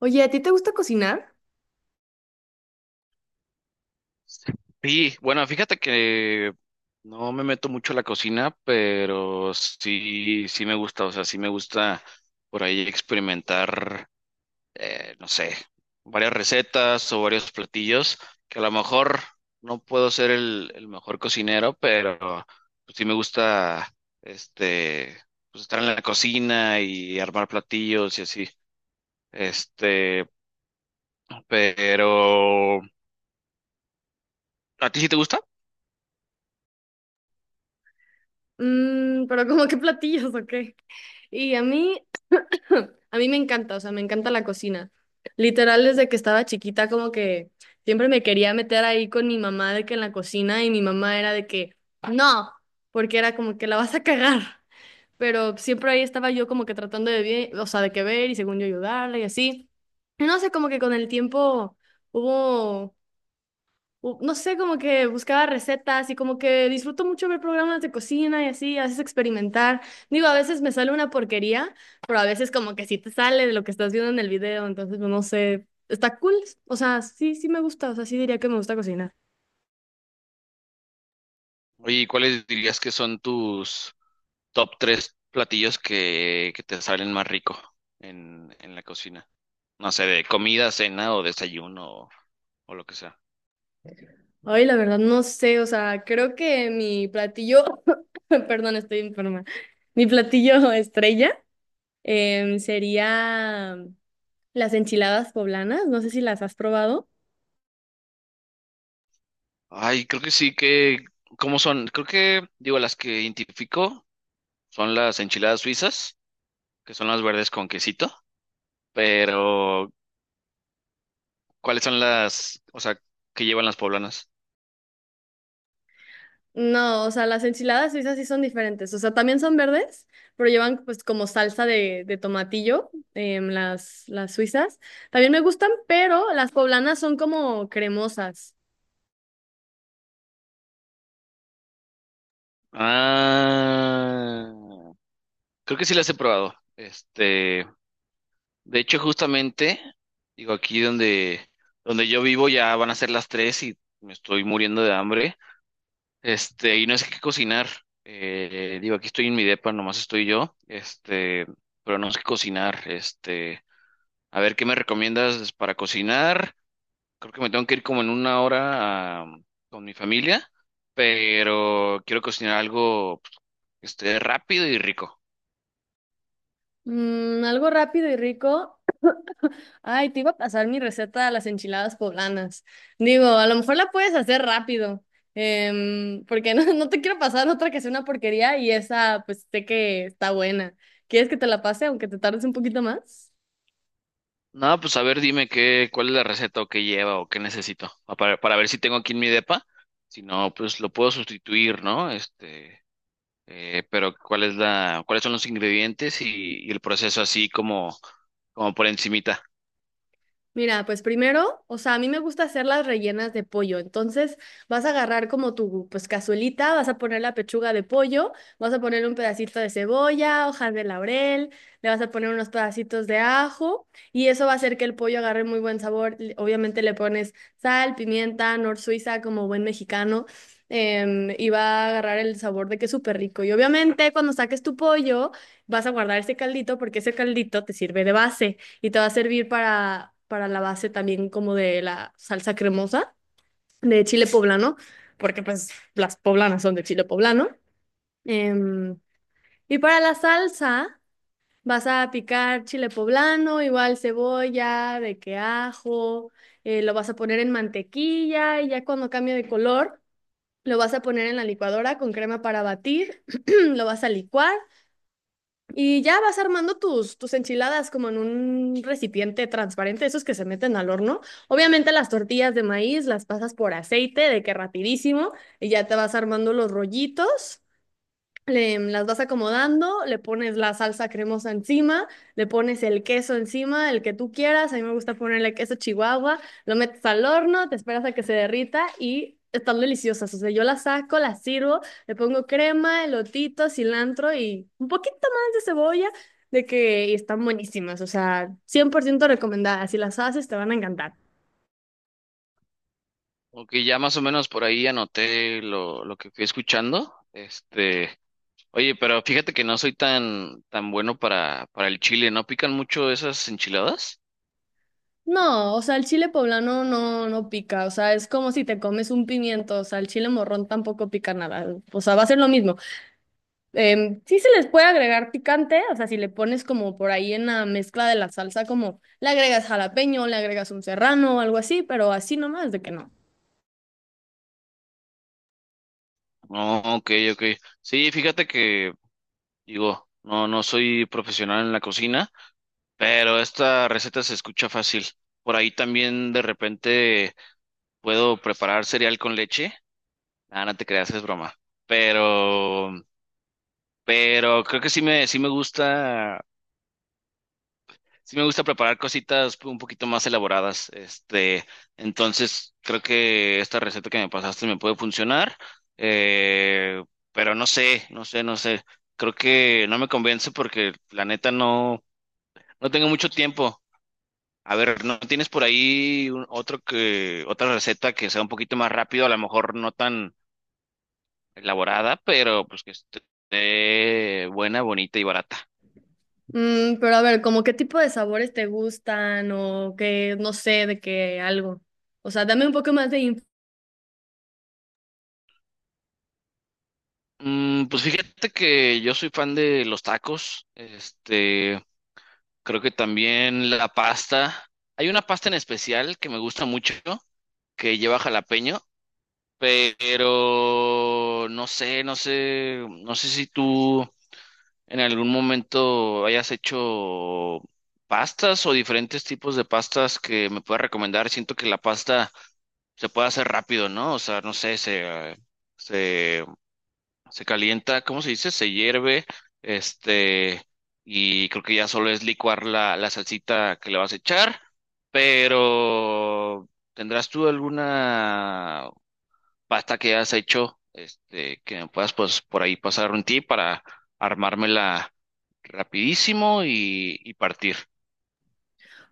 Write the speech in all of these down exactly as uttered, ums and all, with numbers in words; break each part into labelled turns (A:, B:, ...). A: Oye, ¿a ti te gusta cocinar?
B: Sí, bueno, fíjate que no me meto mucho a la cocina, pero sí, sí me gusta, o sea, sí me gusta por ahí experimentar, eh, no sé, varias recetas o varios platillos, que a lo mejor no puedo ser el, el mejor cocinero, pero pues, sí me gusta, este, pues estar en la cocina y armar platillos y así, este, pero ¿a ti sí te gusta?
A: Mm, pero ¿como qué platillos o qué? Y a mí, a mí me encanta, o sea, me encanta la cocina. Literal, desde que estaba chiquita, como que siempre me quería meter ahí con mi mamá de que en la cocina y mi mamá era de que, no, porque era como que la vas a cagar. Pero siempre ahí estaba yo como que tratando de bien, o sea, de que ver y según yo ayudarla y así. Y no sé, como que con el tiempo hubo u- no sé, como que buscaba recetas y como que disfruto mucho ver programas de cocina y así, a veces experimentar. Digo, a veces me sale una porquería, pero a veces como que sí te sale de lo que estás viendo en el video, entonces pues, no sé, está cool. O sea, sí, sí me gusta, o sea, sí diría que me gusta cocinar.
B: Oye, ¿y ¿cuáles dirías que son tus top tres platillos que, que te salen más rico en, en la cocina? No sé, de comida, cena o desayuno o, o lo que sea.
A: Ay, la verdad, no sé, o sea, creo que mi platillo, perdón, estoy enferma, mi platillo estrella em, sería las enchiladas poblanas, no sé si las has probado.
B: Ay, creo que sí, que ¿cómo son? Creo que, digo, las que identifico son las enchiladas suizas, que son las verdes con quesito, pero ¿cuáles son las, o sea, que llevan las poblanas?
A: No, o sea, las enchiladas suizas sí son diferentes. O sea, también son verdes, pero llevan pues como salsa de, de tomatillo, em, las, las suizas. También me gustan, pero las poblanas son como cremosas.
B: Ah, creo que sí las he probado. Este, De hecho, justamente, digo, aquí donde, donde yo vivo ya van a ser las tres y me estoy muriendo de hambre. Este, y no sé qué cocinar. Eh, digo, aquí estoy en mi depa, nomás estoy yo. Este, pero no sé qué cocinar. Este, a ver, ¿qué me recomiendas para cocinar? Creo que me tengo que ir como en una hora a- con mi familia, pero quiero cocinar algo pues, que esté rápido y rico.
A: Mm, algo rápido y rico. Ay, te iba a pasar mi receta de las enchiladas poblanas. Digo, a lo mejor la puedes hacer rápido, em, porque no, no te quiero pasar otra que sea una porquería y esa pues sé que está buena. ¿Quieres que te la pase aunque te tardes un poquito más?
B: No, pues a ver, dime qué, cuál es la receta o qué lleva o qué necesito, ah, para, para ver si tengo aquí en mi depa. Si no, pues lo puedo sustituir, ¿no? Este, eh, pero cuál es la, cuáles son los ingredientes y, y el proceso así como, como por encimita.
A: Mira, pues primero, o sea, a mí me gusta hacer las rellenas de pollo. Entonces, vas a agarrar como tu, pues, cazuelita, vas a poner la pechuga de pollo, vas a poner un pedacito de cebolla, hojas de laurel, le vas a poner unos pedacitos de ajo y eso va a hacer que el pollo agarre muy buen sabor. Le- Obviamente le pones sal, pimienta, nor suiza como buen mexicano em, y va a agarrar el sabor de que es súper rico. Y obviamente cuando saques tu pollo, vas a guardar ese caldito porque ese caldito te sirve de base y te va a servir para, para la base también como de la salsa cremosa de chile poblano, porque pues las poblanas son de chile poblano. Em, y para la salsa vas a picar chile poblano, igual cebolla, de que ajo, eh, lo vas a poner en mantequilla y ya cuando cambie de color, lo vas a poner en la licuadora con crema para batir, lo vas a licuar. Y ya vas armando tus, tus enchiladas como en un recipiente transparente, esos que se meten al horno. Obviamente las tortillas de maíz las pasas por aceite, de que rapidísimo, y ya te vas armando los rollitos, le- las vas acomodando, le pones la salsa cremosa encima, le pones el queso encima, el que tú quieras. A mí me gusta ponerle queso chihuahua, lo metes al horno, te esperas a que se derrita y están deliciosas. O sea, yo las saco, las sirvo, le pongo crema, elotito, cilantro y un poquito más de cebolla, de que y están buenísimas. O sea, cien por ciento recomendadas. Si las haces, te van a encantar.
B: Ok, ya más o menos por ahí anoté lo, lo que fui escuchando. Este, oye, pero fíjate que no soy tan, tan bueno para, para el chile. ¿No pican mucho esas enchiladas?
A: No, o sea, el chile poblano no, no pica, o sea, es como si te comes un pimiento, o sea, el chile morrón tampoco pica nada, o sea, va a ser lo mismo. Em, sí se les puede agregar picante, o sea, si le pones como por ahí en la mezcla de la salsa, como le agregas jalapeño, le agregas un serrano o algo así, pero así nomás de que no.
B: No, ok, ok. Sí, fíjate que digo, no, no soy profesional en la cocina, pero esta receta se escucha fácil. Por ahí también de repente puedo preparar cereal con leche. Ah, no te creas, es broma. Pero, pero creo que sí me, sí me gusta, sí me gusta preparar cositas un poquito más elaboradas. Este, entonces creo que esta receta que me pasaste me puede funcionar. Eh, pero no sé, no sé, no sé. Creo que no me convence porque la neta no. No tengo mucho tiempo. A ver, ¿no tienes por ahí un- otro, que, otra receta que sea un poquito más rápido, a lo mejor no tan elaborada, pero pues que esté buena, bonita y barata?
A: Mm, pero a ver, ¿como qué tipo de sabores te gustan o qué? No sé, de qué algo. O sea, dame un poco más de.
B: Mm, pues fíjate que yo soy fan de los tacos. Este, creo que también la pasta. Hay una pasta en especial que me gusta mucho, que lleva jalapeño, pero no sé, no sé, no sé si tú en algún momento hayas hecho pastas o diferentes tipos de pastas que me puedas recomendar. Siento que la pasta se puede hacer rápido, ¿no? O sea, no sé, se, eh, se, se calienta, ¿cómo se dice? Se hierve, este, y creo que ya solo es licuar la, la salsita que le vas a echar, pero ¿tendrás tú alguna pasta que hayas hecho? Este, que me puedas pues por ahí pasar un tip para armármela rapidísimo y, y partir.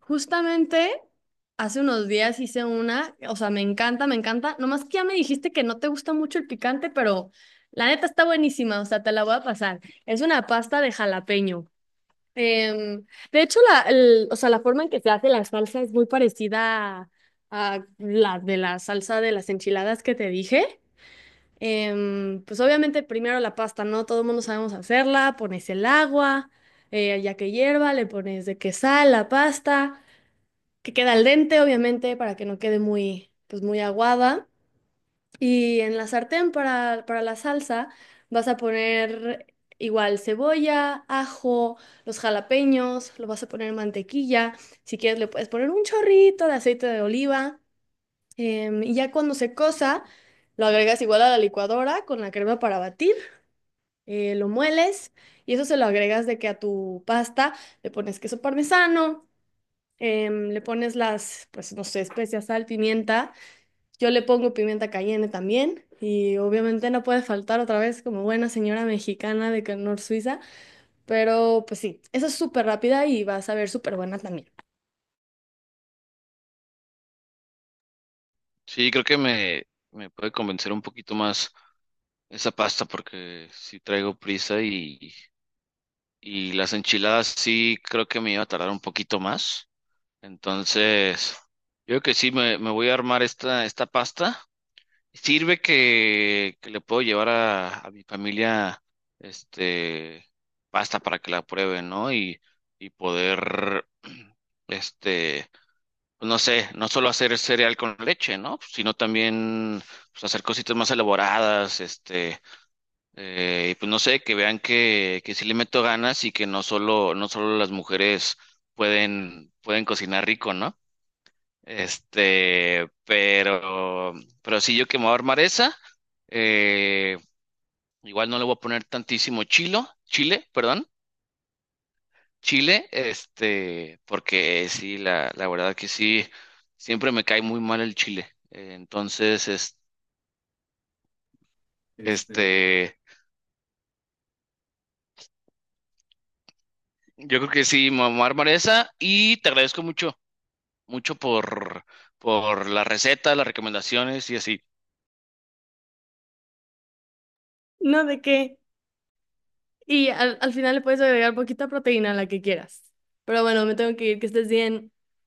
A: Justamente hace unos días hice una, o sea, me encanta, me encanta. Nomás que ya me dijiste que no te gusta mucho el picante, pero la neta está buenísima, o sea, te la voy a pasar. Es una pasta de jalapeño. Em, de hecho, la, el- o sea, la forma en que se hace la salsa es muy parecida a, a la de la salsa de las enchiladas que te dije. Em, pues obviamente primero la pasta, ¿no? Todo el mundo sabemos hacerla, pones el agua, eh, ya que hierva, le pones de que sal, la pasta que queda al dente, obviamente, para que no quede muy, pues muy aguada. Y en la sartén para, para la salsa vas a poner igual cebolla, ajo, los jalapeños, lo vas a poner en mantequilla. Si quieres le puedes poner un chorrito de aceite de oliva. em, y ya cuando se cosa, lo agregas igual a la licuadora con la crema para batir, eh, lo mueles y eso se lo agregas de que a tu pasta le pones queso parmesano, em, le pones las, pues no sé, especias, sal, pimienta. Yo le pongo pimienta cayenne también. Y obviamente no puede faltar otra vez como buena señora mexicana de Canor Suiza. Pero pues sí, esa es súper rápida y va a saber súper buena también.
B: Sí, creo que me, me puede convencer un poquito más esa pasta porque sí traigo prisa y, y las enchiladas sí creo que me iba a tardar un poquito más. Entonces, yo creo que sí me, me voy a armar esta, esta pasta. Sirve que, que le puedo llevar a, a mi familia este pasta para que la prueben, ¿no? Y, y poder este pues, no sé, no solo hacer cereal con leche, ¿no? Pues, sino también pues, hacer cositas más elaboradas, este, eh, y pues no sé, que vean que, que sí le meto ganas y que no solo, no solo las mujeres pueden, pueden cocinar rico, ¿no? Este, pero, pero sí, yo que me voy a armar esa, eh, igual no le voy a poner tantísimo chilo, chile, perdón, chile, este, porque sí, la, la verdad que sí, siempre me cae muy mal el chile. Eh, Entonces, es- este, yo creo que sí, mamar esa y te agradezco mucho, mucho por, por la receta, las recomendaciones y así.
A: No, ¿de qué? Y al, al final le puedes agregar poquita proteína, a la que quieras. Pero bueno, me tengo que ir, que estés bien.